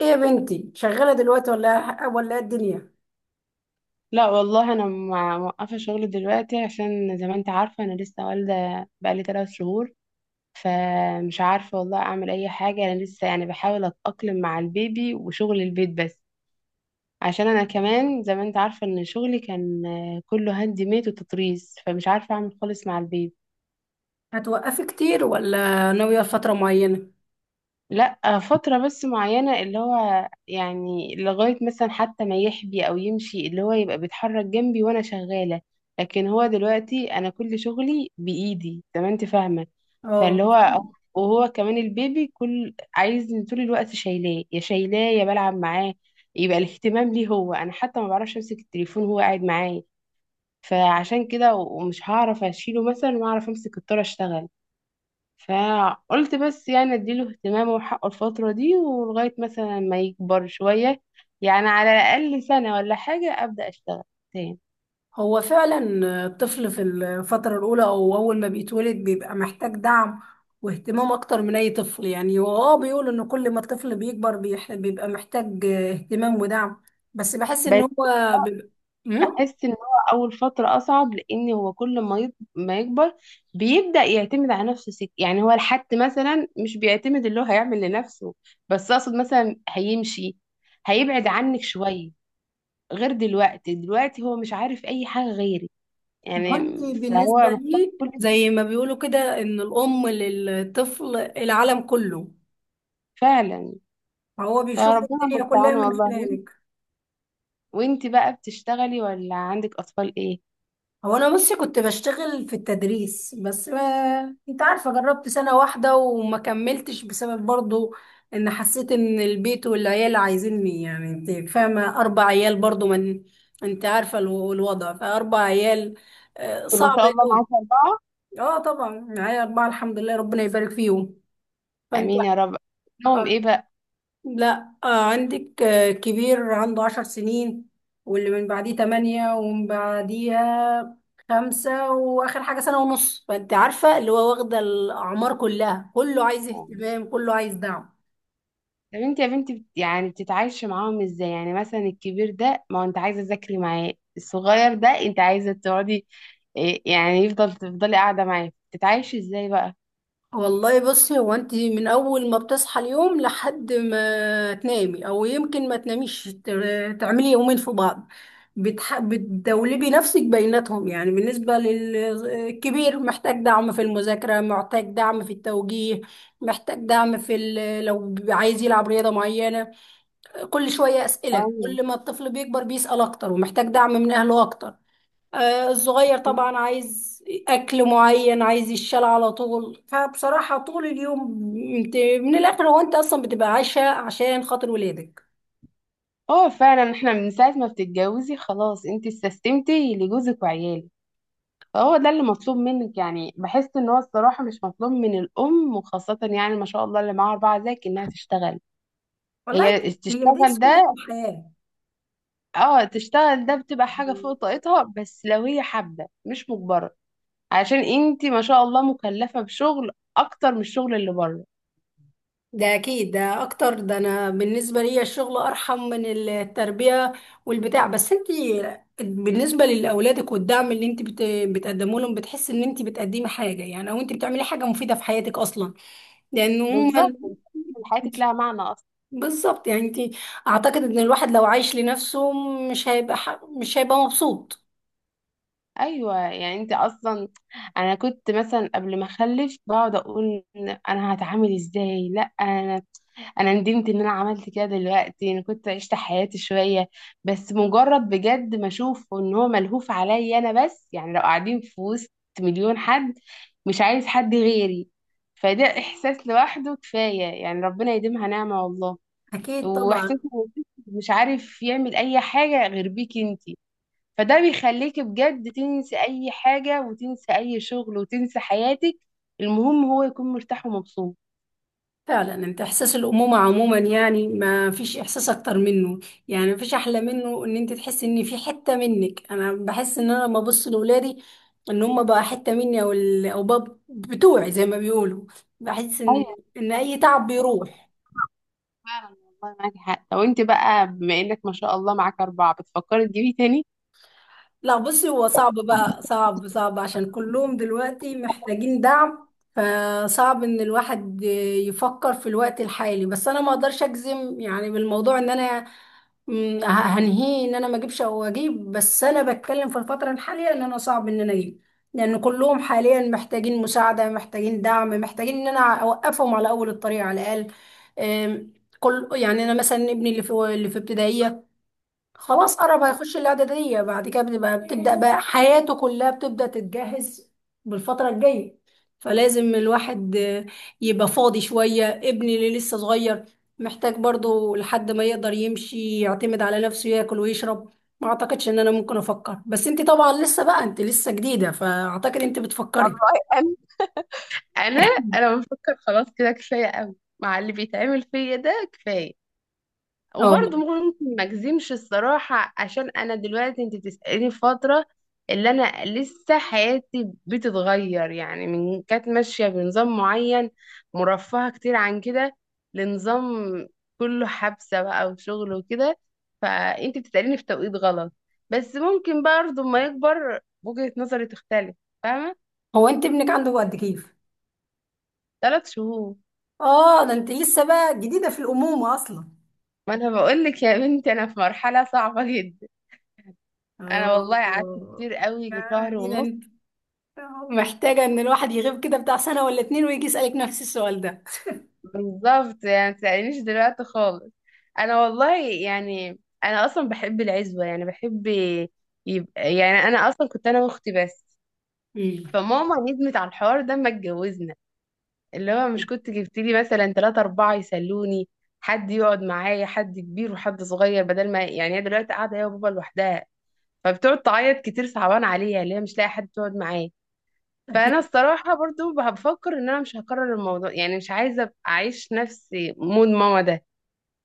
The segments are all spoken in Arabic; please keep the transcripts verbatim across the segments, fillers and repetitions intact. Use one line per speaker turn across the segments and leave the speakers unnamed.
ايه يا بنتي، شغالة دلوقتي ولا ولا إيه الدنيا؟
لا والله انا مع- موقفه شغل دلوقتي، عشان زي ما انت عارفه انا لسه والده بقالي ثلاث شهور. فمش عارفه والله اعمل اي حاجه، انا لسه يعني بحاول اتاقلم مع البيبي وشغل البيت بس. عشان انا كمان زي ما انت عارفه ان شغلي كان آه، كله هاند ميد وتطريز، فمش عارفه اعمل خالص مع البيبي.
هتوقفي كتير ولا ناوية فترة معينة؟
لا فترة بس معينة، اللي هو يعني لغاية مثلا حتى ما يحبي أو يمشي، اللي هو يبقى بيتحرك جنبي وأنا شغالة. لكن هو دلوقتي أنا كل شغلي بإيدي زي ما أنت فاهمة.
اه،
فاللي هو، وهو كمان البيبي كل عايز طول الوقت، شايلاه يا شايلاه يا بلعب معاه، يبقى الاهتمام ليه هو. أنا حتى ما بعرفش أمسك التليفون وهو قاعد معايا. فعشان كده و- ومش هعرف أشيله مثلا وأعرف أمسك الطارة أشتغل. فقلت بس يعني اديله اهتمام وحقه الفترة دي، ولغاية مثلا ما يكبر شوية، يعني على الأقل سنة ولا حاجة أبدأ أشتغل تاني.
هو فعلا الطفل في الفترة الأولى أو أول ما بيتولد بيبقى محتاج دعم واهتمام أكتر من أي طفل. يعني هو اه بيقول إن كل ما الطفل بيكبر بيح- بيبقى محتاج اهتمام ودعم، بس بحس إن
بس
هو بيبقى. مم؟
أحس إن هو أول فترة أصعب، لأن هو كل ما يط- ما يكبر بيبدأ يعتمد على نفسه، سك... يعني هو الحد مثلا مش بيعتمد، اللي هو هيعمل لنفسه، بس أقصد مثلا هيمشي، هيبعد عنك شوية. غير دلوقتي، دلوقتي هو مش عارف أي حاجة غيرك
ما
يعني.
انت بالنسبة
فهو محتاج
لي
كل،
زي ما بيقولوا كده، إن الأم للطفل العالم كله،
فعلا.
هو بيشوف
فربنا
الدنيا كلها
المستعان
من
والله.
خلالك.
وانتي بقى بتشتغلي ولا عندك اطفال ايه؟
هو انا بصي، كنت بشتغل في التدريس بس ما انت عارفه، جربت سنه واحده وما كملتش بسبب برضو ان حسيت ان البيت والعيال عايزيني. يعني انت فاهمه، اربع عيال برضو، من انت عارفه الو- الوضع، فاربع عيال آه،
ما
صعب
شاء الله
قوي.
معاكي اربعه.
اه طبعا معايا اربعه الحمد لله، ربنا يبارك فيهم. فانت،
امين يا رب. لهم ايه بقى؟
لا آه عندك آه كبير عنده عشر سنين، واللي من بعديه تمانية، ومن بعديها خمسة، وآخر حاجة سنة ونص. فأنت عارفة اللي هو واخدة الأعمار كلها، كله عايز
طب
اهتمام كله عايز دعم.
انت يا بنتي بت- يعني بتتعايشي معاهم ازاي؟ يعني مثلا الكبير ده ما هو انت عايزه تذاكري معاه، الصغير ده انت عايزه تقعدي إيه، يعني يفضل تفضلي قاعده معاه، بتتعايشي ازاي بقى؟
والله بصي، هو انت من اول ما بتصحى اليوم لحد ما تنامي او يمكن ما تناميش، ت- تعملي يومين في بعض بتح... بتدولبي نفسك بيناتهم. يعني بالنسبة للكبير محتاج دعم في المذاكرة، محتاج دعم في التوجيه، محتاج دعم في ال... لو عايز يلعب رياضة معينة. كل شوية أسئلة،
أيوة.
كل ما الطفل بيكبر بيسأل أكتر ومحتاج دعم من أهله أكتر. آه، الصغير طبعا عايز اكل معين، عايز يشال على طول. فبصراحة طول اليوم انت من الاخر هو انت اصلا بتبقى عايشة عشان خاطر ولادك.
اه فعلا، احنا من ساعه ما بتتجوزي خلاص انت استسلمتي لجوزك وعيالك. هو ده اللي مطلوب منك، يعني بحس ان هو الصراحه مش مطلوب من الام، وخاصه يعني ما شاء الله اللي معاها اربعه زيك انها تشتغل.
والله
هي
هي دي
تشتغل
سنة
ده،
الحياة.
اه، تشتغل ده بتبقى حاجه فوق طاقتها، بس لو هي حابه مش مجبره. عشان انتي ما شاء الله مكلفه بشغل اكتر من الشغل اللي بره.
ده اكيد، ده اكتر، ده انا بالنسبة لي الشغل ارحم من التربية والبتاع. بس انت بالنسبة لاولادك، والدعم اللي انت بت- بتقدمه لهم، بتحس ان انت بتقدمي حاجة يعني، او انت بتعملي حاجة مفيدة في حياتك اصلا، لان هم
بالظبط.
بالظبط.
حياتك لها معنى اصلا.
بالظبط يعني انت، اعتقد ان الواحد لو عايش لنفسه مش هيبقى ح... مش هيبقى مبسوط.
ايوه، يعني انت اصلا، انا كنت مثلا قبل ما اخلف بقعد اقول انا هتعامل ازاي. لا انا انا ندمت ان انا عملت كده، دلوقتي انا كنت عشت حياتي شويه بس. مجرد بجد ما اشوف ان هو ملهوف عليا انا بس، يعني لو قاعدين في وسط مليون حد مش عايز حد غيري، فده احساس لوحده كفايه، يعني ربنا يديمها نعمه والله.
اكيد
واحساس
طبعا.
إن مش عارف يعمل اي حاجه غير بيك انتي، فده بيخليك بجد تنسي اي حاجه، وتنسي اي شغل، وتنسي حياتك. المهم هو يكون مرتاح ومبسوط.
فعلا انت، احساس الامومه عموما يعني ما فيش احساس اكتر منه. يعني ما فيش احلى منه ان انت تحسي ان في حته منك. انا بحس ان انا لما ابص لاولادي، ان هم بقى حته مني، او ال... او بقى بتوعي زي ما بيقولوا، بحس ان، ان اي تعب بيروح.
فعلا. والله معاكي حق، لو انت بقى بما انك ما شاء الله معاك اربعه بتفكري تجيبي تاني؟
لا بصي، هو صعب بقى، صعب صعب عشان كلهم دلوقتي محتاجين دعم. فصعب ان الواحد يفكر في الوقت الحالي، بس انا ما اقدرش اجزم يعني بالموضوع ان انا م، ه- هنهيه ان انا ما اجيبش او اجيب، بس انا بتكلم في الفترة الحالية ان انا صعب ان انا اجيب، لان كلهم حاليا محتاجين مساعدة، محتاجين دعم، محتاجين ان انا اوقفهم على اول الطريق على الاقل. أم، كل يعني انا مثلا ابني اللي في اللي في ابتدائية، خلاص قرب هيخش الاعدادية، بعد كده بنبقى بتبدأ بقى حياته كلها بتبدأ تتجهز بالفترة الجاية. فلازم الواحد آه، يبقى فاضي شوية. ابني اللي لسه صغير محتاج برضو لحد ما يقدر يمشي يعتمد على نفسه، ياكل ويشرب. ما اعتقدش ان انا ممكن افكر، بس انت طبعا لسه بقى، انت لسه جديدة فاعتقد انت بتفكري.
والله انا، انا انا بفكر خلاص كده كفايه قوي، مع اللي بيتعمل فيا ده كفايه.
اه،
وبرضه ممكن ما اجزمش الصراحة، عشان انا دلوقتي انت بتسأليني في فترة اللي انا لسه حياتي بتتغير، يعني من كانت ماشية بنظام معين مرفهة كتير عن كده لنظام كله حبسة بقى وشغل وكده. فانت بتسأليني في توقيت غلط. بس ممكن برضه ما يكبر وجهة نظري تختلف، فاهمة؟
هو انت ابنك عنده قد كيف؟
ثلاث شهور.
اه ده انت لسه بقى جديدة في الأمومة اصلا.
ما انا بقول لك يا بنتي انا في مرحلة صعبة جدا. انا والله قعدت
اه
كتير قوي شهر ونص.
يعني ده محتاجة ان الواحد يغيب كده بتاع سنة ولا اتنين ويجي يسألك نفس السؤال ده.
بالظبط، يعني متسألنيش دلوقتي خالص. انا والله يعني انا اصلا بحب العزوه، يعني بحب يبقى، يعني انا اصلا كنت انا واختي بس.
مم.
فماما ندمت على الحوار ده، ما اتجوزنا اللي هو مش كنت جبت لي مثلا ثلاثة أربعة يسلوني، حد يقعد معايا، حد كبير وحد صغير، بدل ما يعني هي دلوقتي قاعدة هي وبابا لوحدها، فبتقعد تعيط كتير، صعبان عليها اللي هي مش لاقي حد تقعد معاه.
أكيد.
فانا الصراحه برضو بفكر ان انا مش هكرر الموضوع، يعني مش عايزه ابقى اعيش نفس مود ماما ده،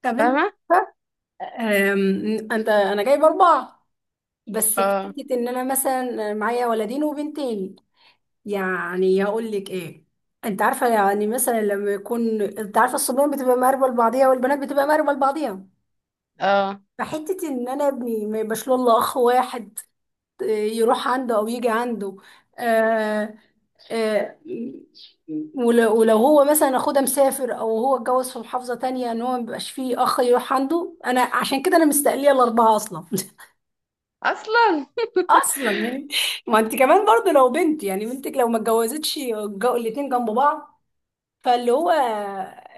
طب انت،
فاهمة؟
أم، انت انا جايب اربعة بس في
اه
حتة ان انا مثلا معايا ولدين وبنتين. يعني هقول لك ايه، انت عارفة يعني مثلا لما يكون، انت عارفة الصبيان بتبقى مقربة لبعضيها والبنات بتبقى مقربة لبعضيها.
اه،
فحتة ان انا ابني ما يبقاش له الا اخ واحد آه، يروح عنده او يجي عنده. آه، آه، ولو ولو هو مثلا اخوه ده مسافر، او هو اتجوز في محافظة تانية، ان هو ما بيبقاش فيه اخ يروح عنده. انا عشان كده انا مستقلية الاربعة اصلا.
اصلا.
اصلا يعني، ما انت كمان برضه لو بنت، يعني بنتك لو ما اتجوزتش الجو- الاتنين جنب بعض. فاللي هو آه،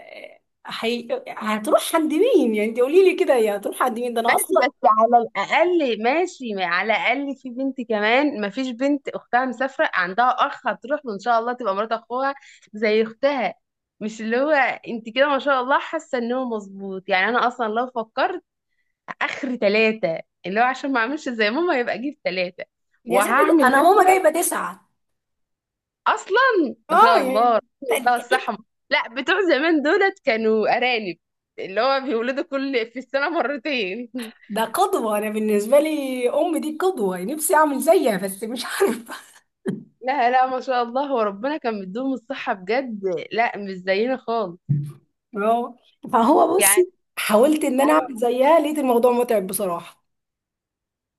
حي... هتروح عند مين؟ يعني انت قولي لي كده، يا هتروح عند مين؟ ده انا
بس
اصلا
بس على الاقل ماشي، ما- على الاقل في بنت كمان، ما فيش بنت اختها مسافرة عندها اخ هتروح له، ان شاء الله تبقى مرات اخوها زي اختها. مش اللي هو، انت كده ما شاء الله حاسة ان هو مظبوط يعني. انا اصلا لو فكرت اخر ثلاثة، اللي هو عشان ما اعملش زي ماما يبقى اجيب ثلاثة.
يا ستي، ده
وهعمل
انا ماما
مثلا،
جايبة تسعة.
اصلا ما
اه
شاء
يعني
الله، بقى الصحة. لا، بتوع زمان دولت كانوا أرانب، اللي هو بيولدوا كل في السنة مرتين.
ده قدوة. أنا بالنسبة لي أم دي قدوة، نفسي أعمل زيها بس مش عارفة.
لا لا، ما شاء الله، هو ربنا كان مديهم الصحة بجد. لا مش زينا خالص.
فهو فهو
يعني
بصي، حاولت إن أنا أعمل
أنا
زيها لقيت الموضوع متعب بصراحة.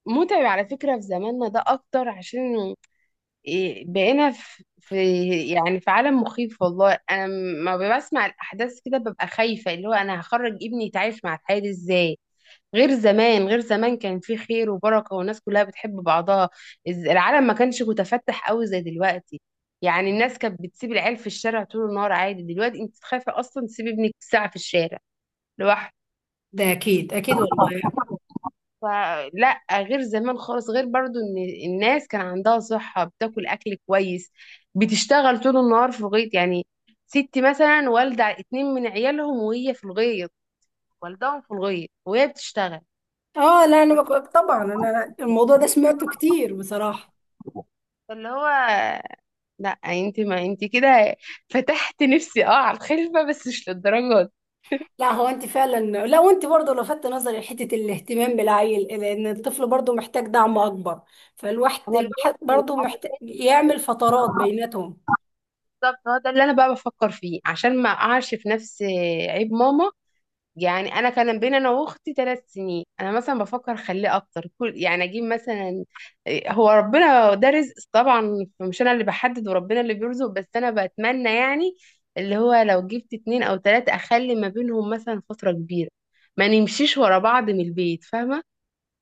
متعب على فكرة في زماننا ده أكتر، عشان إيه، بقينا في في يعني في عالم مخيف والله. أنا ما بسمع الأحداث كده ببقى خايفة اللي هو أنا هخرج ابني يتعايش مع الحياة دي إزاي. غير زمان غير زمان كان في خير وبركة والناس كلها بتحب بعضها. الز- العالم ما كانش متفتح قوي زي دلوقتي. يعني الناس كانت بتسيب العيال في الشارع طول النهار عادي، دلوقتي انت تخافي اصلا تسيبي ابنك ساعة في الشارع لوحده.
ده أكيد أكيد والله.
فلا غير زمان خالص، غير برضو ان الناس كان عندها صحة، بتاكل اكل كويس، بتشتغل طول النهار في الغيط. يعني ست مثلا والدة اتنين من عيالهم وهي في الغيط، والدهم في الغيط وهي بتشتغل.
آه لا أنا بك... طبعا أنا الموضوع ده سمعته كتير بصراحة.
فاللي هو لا، انت ما انت كده فتحت نفسي اه على الخلفه، بس مش للدرجه دي.
لا هو أنت فعلا، لا وأنت برضه لفتت نظري لحتة الاهتمام بالعيل، لأن الطفل برضه محتاج دعم أكبر. فالواحد
انا بجد
الواحد برضه محتاج يعمل فترات بيناتهم.
بالظبط، هو ده اللي انا بقى بفكر فيه، عشان ما اقعش في نفس عيب ماما. يعني انا كان بين انا واختي ثلاث سنين، انا مثلا بفكر اخليه اكتر، كل يعني اجيب مثلا إيه، هو ربنا ده رزق طبعا مش انا اللي بحدد، وربنا اللي بيرزق، بس انا بتمنى يعني اللي هو لو جبت اتنين او تلاتة اخلي ما بينهم مثلا فتره كبيره، ما نمشيش ورا بعض من البيت، فاهمه؟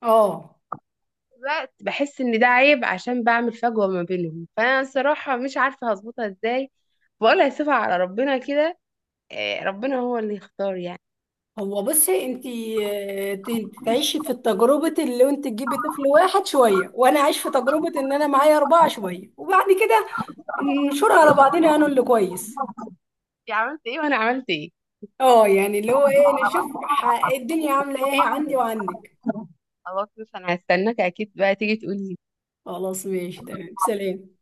آه
الوقت بحس ان ده عيب، عشان بعمل فجوة ما بينهم، فانا الصراحة مش عارفة هظبطها ازاي. بقولها سيبها على ربنا كده آه، ربنا هو اللي يختار يعني.
هو بصي انتي آه، ت- تعيشي في تجربة اللي انت تجيبي طفل واحد شوية، وانا اعيش في تجربة ان انا معايا اربعة شوية، وبعد كده ننشرها على بعضنا انا اللي كويس.
انت عملت ايه وانا عملت ايه؟
اه يعني اللي هو ايه، نشوف ح- الدنيا عاملة ايه عندي وعندك.
خلاص بس انا هستناك اكيد بقى تيجي تقولي.
خلاص ماشي، تمام، سلام.